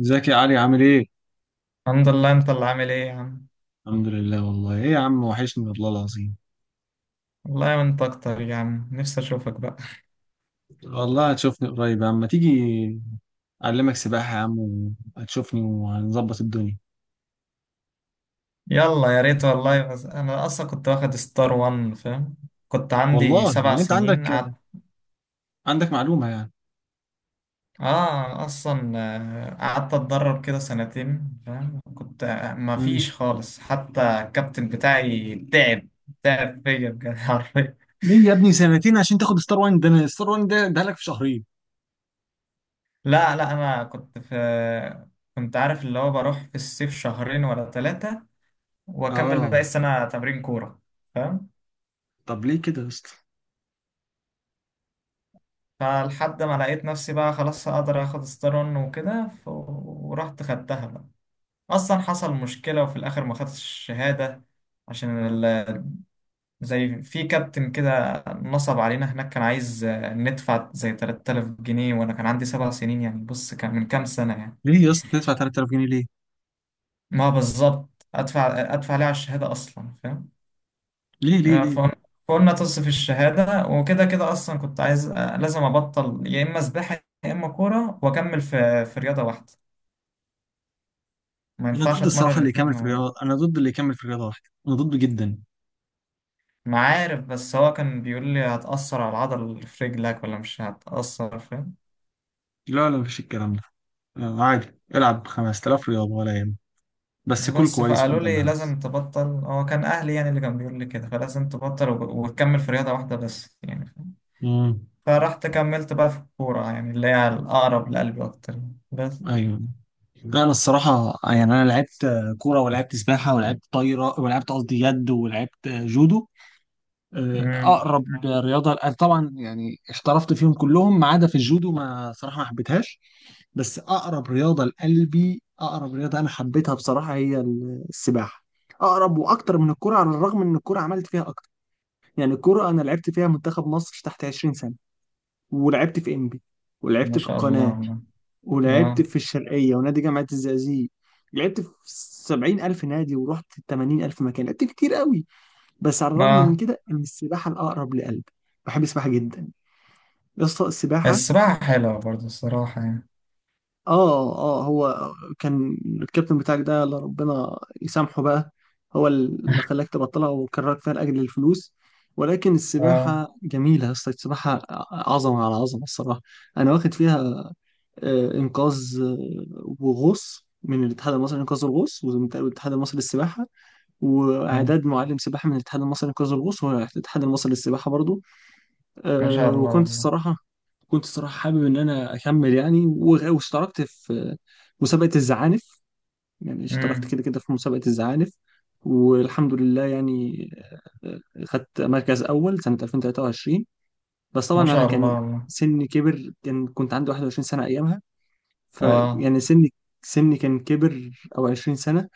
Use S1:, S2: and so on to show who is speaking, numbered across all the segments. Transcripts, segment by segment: S1: ازيك يا علي عامل ايه؟
S2: الحمد لله. انت اللي عامل ايه يا عم؟
S1: الحمد لله. والله ايه يا عم، وحشني والله العظيم.
S2: والله وانت اكتر يا عم، نفسي اشوفك بقى.
S1: والله هتشوفني قريب يا عم، ما تيجي اعلمك سباحة يا عم وهتشوفني وهنظبط الدنيا.
S2: يلا يا ريت والله، بس انا اصلا كنت واخد ستار وان، فاهم. كنت عندي
S1: والله
S2: سبع
S1: يعني انت عندك
S2: سنين قعدت.
S1: عندك معلومة يعني.
S2: اه، اصلا قعدت اتدرب كده سنتين، فاهم. كنت ما
S1: مم.
S2: فيش خالص، حتى الكابتن بتاعي تعب تعب فيا بجد حرفيا.
S1: ليه يا ابني سنتين عشان تاخد ستار وان؟ ده انا ستار وان ده لك في شهرين.
S2: لا لا، انا كنت عارف اللي هو بروح في الصيف شهرين ولا ثلاثة، واكمل باقي
S1: اه.
S2: السنة تمرين كورة، فاهم.
S1: طب ليه كده يا اسطى؟
S2: فلحد ما لقيت نفسي بقى خلاص هقدر اخد ستارون وكده، ورحت خدتها بقى. اصلا حصل مشكلة وفي الاخر ما خدتش الشهادة، عشان ال... زي في كابتن كده نصب علينا هناك، كان عايز ندفع زي 3000 جنيه، وانا كان عندي 7 سنين يعني، بص كان من كام سنة يعني.
S1: ليه يا اسطى تدفع 3000 جنيه ليه؟
S2: ما بالظبط، ادفع ليه على الشهادة اصلا، فاهم.
S1: ليه ليه
S2: فقلنا
S1: ليه؟
S2: تصف الشهادة وكده، كده اصلا كنت عايز لازم ابطل، يا اما سباحة يا اما كورة، واكمل في رياضة واحدة. ما
S1: انا
S2: ينفعش
S1: ضد الصراحة
S2: اتمرن
S1: اللي
S2: الاتنين
S1: يكمل في
S2: مع بعض.
S1: الرياضة، انا ضد اللي يكمل في الرياضة واحدة، انا ضد جدا.
S2: ما عارف، بس هو كان بيقول لي هتأثر على العضل اللي في رجلك ولا مش هتأثر، فاهم.
S1: لا لا، مفيش الكلام ده. آه، عادي. العب 5000 رياضة ولا يهمك، بس كل
S2: بس
S1: كويس
S2: فقالوا لي
S1: قدامها بس.
S2: لازم تبطل، هو كان أهلي يعني اللي كان بيقول لي كده، فلازم تبطل وتكمل في رياضة واحدة بس يعني، فاهم؟
S1: امم.
S2: فرحت كملت بقى في الكورة يعني، اللي هي الأقرب لقلبي أكتر يعني، بس.
S1: ايوه. لا انا الصراحه يعني انا لعبت كوره، ولعبت سباحه، ولعبت طايره، ولعبت قصدي يد، ولعبت جودو.
S2: مم.
S1: اقرب رياضه لأ، طبعا، يعني احترفت فيهم كلهم ما عدا في الجودو، ما صراحه ما حبيتهاش. بس اقرب رياضه لقلبي، اقرب رياضه انا حبيتها بصراحه هي السباحه. اقرب واكتر من الكوره، على الرغم ان الكوره عملت فيها اكتر. يعني الكوره انا لعبت فيها منتخب مصر تحت 20 سنه، ولعبت في انبي،
S2: ما
S1: ولعبت في
S2: شاء
S1: القناه،
S2: الله.
S1: ولعبت
S2: اه.
S1: في الشرقية ونادي جامعة الزقازيق. لعبت في سبعين ألف نادي ورحت تمانين ألف مكان، لعبت كتير قوي. بس على الرغم من
S2: اه.
S1: كده إن السباحة الأقرب لقلبي. بحب السباحة جدا يا اسطى السباحة.
S2: السباحة حلوة برضه الصراحة يعني.
S1: آه آه. هو كان الكابتن بتاعك ده، الله ربنا يسامحه بقى، هو اللي خلاك تبطلها وكرهك فيها لأجل الفلوس. ولكن
S2: اه.
S1: السباحة جميلة يا اسطى السباحة. عظمة على عظمة الصراحة. أنا واخد فيها انقاذ وغوص من الاتحاد المصري لانقاذ الغوص والاتحاد المصري للسباحه،
S2: اه.
S1: واعداد معلم سباحه من الاتحاد المصري لانقاذ الغوص والاتحاد المصري للسباحه برضو.
S2: ما شاء الله
S1: وكنت
S2: والله.
S1: الصراحه كنت الصراحه حابب ان انا اكمل يعني، واشتركت في مسابقه الزعانف. يعني اشتركت
S2: مم.
S1: كده كده في مسابقه الزعانف، والحمد لله يعني. آه، خدت مركز اول سنه 2023. بس طبعا
S2: ما
S1: انا
S2: شاء الله
S1: كان
S2: والله.
S1: سني كبر، كان كنت عندي 21 سنه ايامها. ف
S2: اه.
S1: يعني سني كان كبر، او 20 سنة.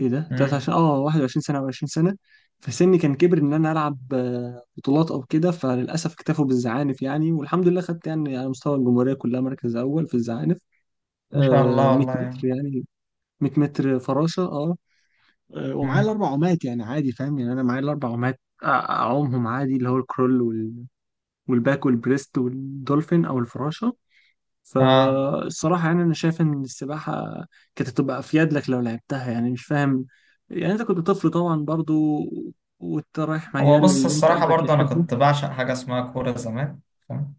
S1: ايه ده
S2: مم.
S1: 23، اه 21 سنة او 20 سنة. فسني كان كبر ان انا العب بطولات او كده. فللاسف اكتفوا بالزعانف يعني، والحمد لله خدت يعني على مستوى الجمهورية كلها مركز اول في الزعانف.
S2: ما شاء الله
S1: 100
S2: والله
S1: متر
S2: يعني.
S1: يعني، 100 متر فراشة، اه. ومعايا
S2: مم.
S1: الاربع عومات يعني عادي فاهم، يعني انا معايا الاربع عومات. اعومهم عادي، اللي هو الكرول والباك والبريست والدولفين او الفراشة.
S2: اه.
S1: فالصراحة يعني أنا شايف إن السباحة كانت هتبقى أفيد لك لو لعبتها، يعني مش فاهم. يعني أنت كنت طفل طبعا برضو، وأنت رايح
S2: هو
S1: ميال
S2: بص
S1: للي أنت
S2: الصراحة
S1: قلبك
S2: برضه، أنا
S1: يحبه.
S2: كنت بعشق حاجة اسمها كورة زمان، فاهم.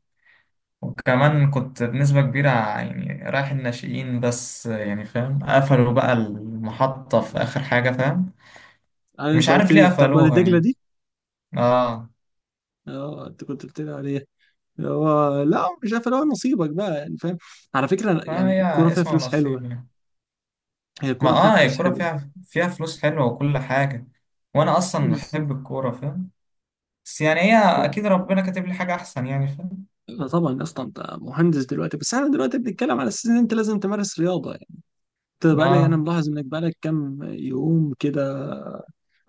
S2: وكمان كنت بنسبة كبيرة يعني رايح الناشئين بس يعني، فاهم. قفلوا بقى المحطة في آخر حاجة، فاهم.
S1: يعني
S2: مش
S1: أنت قلت
S2: عارف
S1: لي
S2: ليه
S1: بتاعت وادي
S2: قفلوها
S1: دجلة
S2: يعني.
S1: دي.
S2: اه.
S1: أه، أنت كنت قلت لي عليها. هو لا، مش عارف، اللي هو نصيبك بقى يعني فاهم. على فكرة يعني الكورة
S2: فهي
S1: فيها
S2: اسمها
S1: فلوس
S2: ونصيب
S1: حلوة.
S2: يعني.
S1: هي
S2: ما
S1: الكورة فيها
S2: اه، هي
S1: فلوس
S2: الكورة
S1: حلوة.
S2: فيها فلوس حلوة وكل حاجة، وأنا أصلا
S1: بالظبط.
S2: بحب الكورة، فاهم. بس يعني هي أكيد ربنا كاتب لي حاجة أحسن يعني، فاهم.
S1: لا طبعا اصلا انت مهندس دلوقتي، بس احنا دلوقتي بنتكلم على اساس ان انت لازم تمارس رياضه. بقالي انا
S2: اه.
S1: ملاحظ انك بقالك كام يوم كده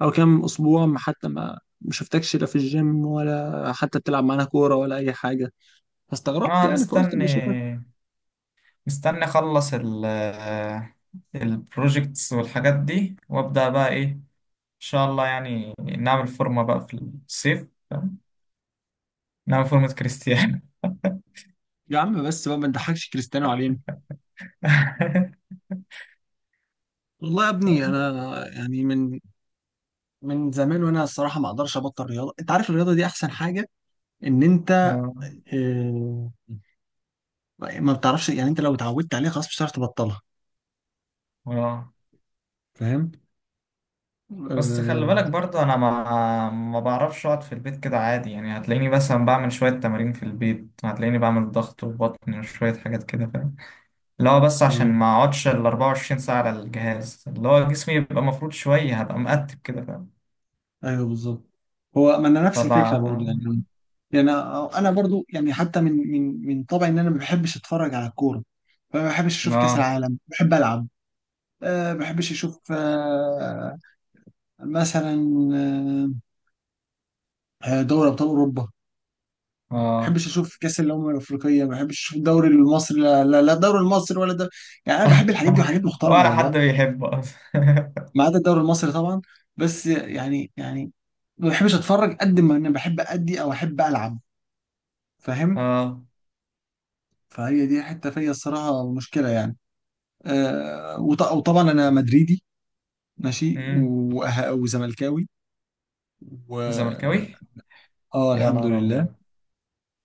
S1: او كام اسبوع، ما حتى ما شفتكش لا في الجيم ولا حتى بتلعب معانا كوره ولا اي حاجه، فاستغربت
S2: اه.
S1: يعني فقلت اما
S2: مستني،
S1: اشوفك.
S2: اخلص البروجكتس والحاجات دي، وابدا بقى، ايه ان شاء الله، يعني نعمل فورمه بقى في الصيف، نعمل فورمه كريستيانو.
S1: يا عم بس بقى، ما تضحكش كريستيانو علينا. والله يا ابني انا يعني، من زمان وانا الصراحه ما اقدرش ابطل رياضه. انت عارف الرياضه دي احسن حاجه ان انت
S2: آه،
S1: آه، ما بتعرفش، يعني انت لو اتعودت عليها خلاص مش هتعرف تبطلها
S2: آه.
S1: فاهم.
S2: بس خلي بالك برضه، انا ما بعرفش اقعد في البيت كده عادي يعني، هتلاقيني مثلا بعمل شويه تمارين في البيت، هتلاقيني بعمل ضغط وبطن وشويه حاجات كده، فاهم. اللي هو بس
S1: آه،
S2: عشان ما اقعدش ال 24 ساعه على الجهاز، اللي هو جسمي يبقى مفروض شويه، هبقى مقتب كده، فاهم.
S1: ايوه بالظبط. هو ما انا نفس الفكره برضو
S2: فبقى.
S1: يعني. يعني انا برضو يعني، حتى من طبعي ان انا ما بحبش اتفرج على الكوره، فما بحبش اشوف كاس
S2: اه.
S1: العالم، بحب العب. أه، ما بحبش اشوف مثلا دوري ابطال اوروبا، ما
S2: اه.
S1: بحبش اشوف كاس الامم الافريقيه، ما بحبش اشوف الدوري المصري، لا لا لا الدوري المصري ولا ده. يعني انا بحب الحاجات دي وحاجات محترمه
S2: ولا
S1: والله.
S2: حد بيحبه اصلا.
S1: ما عدا الدوري المصري طبعا. بس يعني ما بحبش اتفرج قد ما انا بحب ادي او احب العب فاهم.
S2: اه.
S1: فهي دي حته فيا الصراحه المشكله يعني. وطبعا انا مدريدي، ماشي،
S2: امم
S1: وزملكاوي، و
S2: زملكاوي.
S1: اه
S2: يا
S1: الحمد
S2: نهار
S1: لله.
S2: ابيض.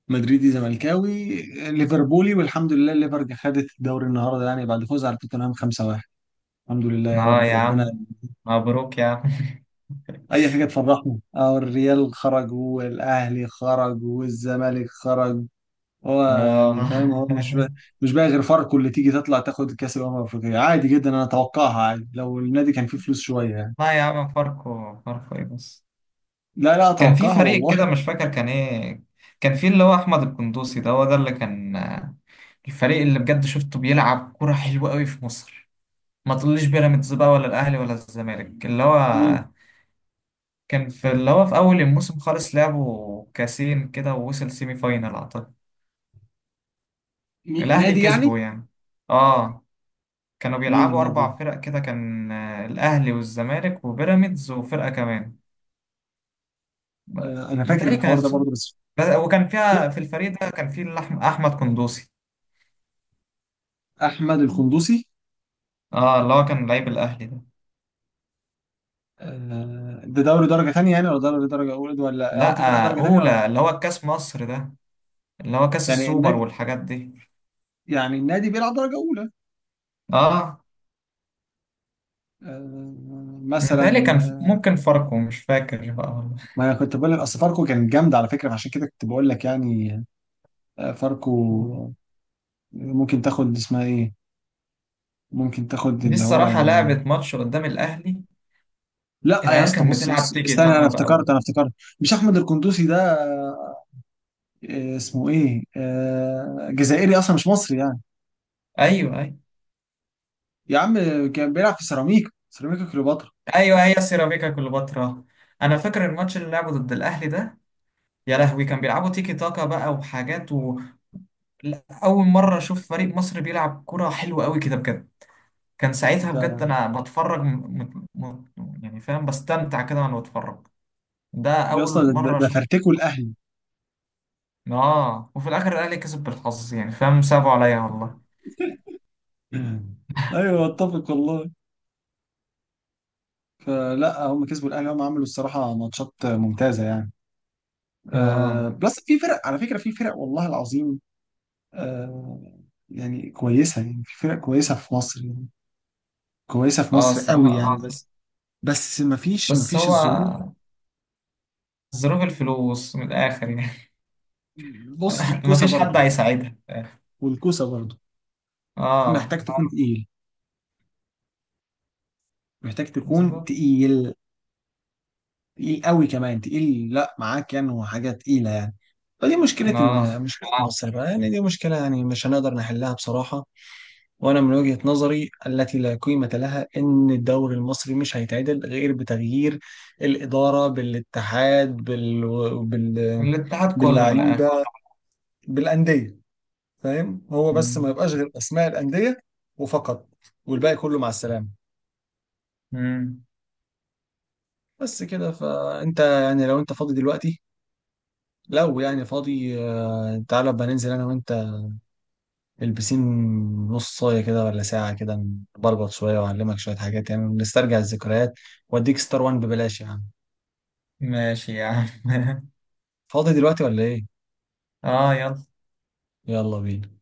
S1: مدريدي، زملكاوي، ليفربولي، والحمد لله الليفر دي خدت الدوري النهارده يعني، بعد فوز على توتنهام 5-1. الحمد لله يا
S2: اه
S1: رب
S2: يا
S1: ربنا.
S2: عم، مبروك يا عم.
S1: اي حاجه تفرحنا. اه، الريال خرج والاهلي خرج والزمالك خرج. هو يعني فاهم، هو مش
S2: اه.
S1: بقى، مش بقى غير فاركو اللي تيجي تطلع تاخد كاس الامم الافريقيه، عادي جدا، انا اتوقعها عادي لو النادي كان فيه فلوس شويه يعني.
S2: لا يا عم، فاركو فاركو ايه بس؟
S1: لا لا
S2: كان في
S1: اتوقعها
S2: فريق
S1: والله.
S2: كده مش فاكر كان ايه. كان في اللي هو احمد القندوسي، ده هو ده اللي كان الفريق اللي بجد شفته بيلعب كرة حلوة قوي في مصر. ما تقوليش بيراميدز بقى ولا الاهلي ولا الزمالك، اللي هو
S1: مين,
S2: كان في اللي هو في أول الموسم خالص لعبوا كاسين كده، ووصل سيمي فاينال أعتقد.
S1: مين
S2: الأهلي
S1: نادي يعني،
S2: كسبوا يعني. آه. كانوا
S1: مين
S2: بيلعبوا
S1: النادي
S2: أربع
S1: ده.
S2: فرق كده، كان الأهلي والزمالك وبيراميدز وفرقة كمان. ب-
S1: آه، انا فاكر
S2: متهيألي
S1: الحوار
S2: كانت،
S1: ده برضه بس.
S2: وكان فيها في الفريق ده كان فيه أحمد قندوسي،
S1: احمد القندوسي.
S2: آه اللي هو كان لعيب الأهلي ده.
S1: آه، ده دوري درجه ثانيه يعني ولا دوري درجه اولى، ولا قصدي فريق
S2: لأ،
S1: درجه ثانيه ولا؟
S2: أولى اللي هو كأس مصر ده، اللي هو كأس
S1: يعني
S2: السوبر
S1: النادي
S2: والحاجات دي.
S1: يعني النادي بيلعب درجه اولى.
S2: آه،
S1: آه، مثلا.
S2: متهيألي كان
S1: آه،
S2: ممكن فرقه مش فاكر بقى والله.
S1: ما انا كنت بقول لك اصل فاركو كانت جامده على فكره، عشان كده كنت بقول لك يعني. فاركو ممكن تاخد اسمها ايه، ممكن تاخد
S2: دي
S1: اللي هو
S2: الصراحة
S1: يعني.
S2: لعبت ماتش قدام الأهلي.
S1: لا يا
S2: العيال
S1: اسطى،
S2: كانت
S1: بص
S2: بتلعب
S1: بص
S2: تيكي
S1: استنى، انا
S2: تاكا بقى
S1: افتكرت انا افتكرت. مش احمد القندوسي ده؟ اسمه ايه، جزائري اصلا مش مصري يعني.
S2: أيوه، أيوه
S1: يا عم كان بيلعب في سيراميكا كليوباترا.
S2: أيوه، هي سيراميكا كليوباترا. أنا فاكر الماتش اللي لعبه ضد الأهلي ده، يا لهوي! كان بيلعبوا تيكي تاكا بقى وحاجات لا، أول مرة أشوف فريق مصر بيلعب كرة حلوة أوي كده بجد. كان ساعتها
S1: ده
S2: بجد أنا بتفرج، يعني فاهم، بستمتع كده وأنا بتفرج. ده
S1: يا
S2: أول
S1: اسطى، ده, ده
S2: مرة
S1: ده
S2: أشوف
S1: فرتكوا
S2: مصر.
S1: الاهلي.
S2: آه، وفي الآخر الأهلي كسب بالحظ يعني، فاهم، صعبوا عليا والله.
S1: ايوه، اتفق والله. فلا هم كسبوا الاهلي، هم عملوا الصراحه ماتشات ممتازه يعني. أه
S2: آه.
S1: بس في فرق على فكره، في فرق والله العظيم. آه. يعني كويسة يعني، في فرق كويسة في مصر يعني، كويسة في
S2: آه
S1: مصر قوي يعني، اه.
S2: الصراحة.
S1: بس مفيش
S2: بس
S1: مفيش
S2: هو
S1: الظروف.
S2: ظروف الفلوس من الآخر يعني.
S1: بص، الكوسة
S2: مفيش حد
S1: برضه،
S2: هيساعدها في الآخر.
S1: والكوسة برضه
S2: اه.
S1: محتاج تكون تقيل، محتاج تكون
S2: بالظبط.
S1: تقيل، تقيل قوي كمان، تقيل لا معاك يعني وحاجة تقيلة يعني. فدي مشكلة،
S2: اه.
S1: مشكلة مصر بقى يعني. دي مشكلة يعني مش هنقدر نحلها بصراحة. وانا من وجهة نظري التي لا قيمة لها ان الدوري المصري مش هيتعدل غير بتغيير الإدارة بالاتحاد بال...
S2: الاتحاد كله من الآخر.
S1: باللعيبة بالأندية فاهم. هو بس ما
S2: مم.
S1: يبقاش غير أسماء الأندية وفقط، والباقي كله مع السلامة.
S2: مم.
S1: بس كده، فأنت يعني لو أنت فاضي دلوقتي، لو يعني فاضي، تعالى بقى ننزل أنا وأنت البسين نص صاية كده ولا ساعة كده، نبربط شوية وأعلمك شوية حاجات يعني، نسترجع الذكريات وأديك ستار وان ببلاش يعني.
S2: ماشي يا عم.
S1: فاضي دلوقتي ولا ايه؟
S2: اه، يلا.
S1: يلا بينا.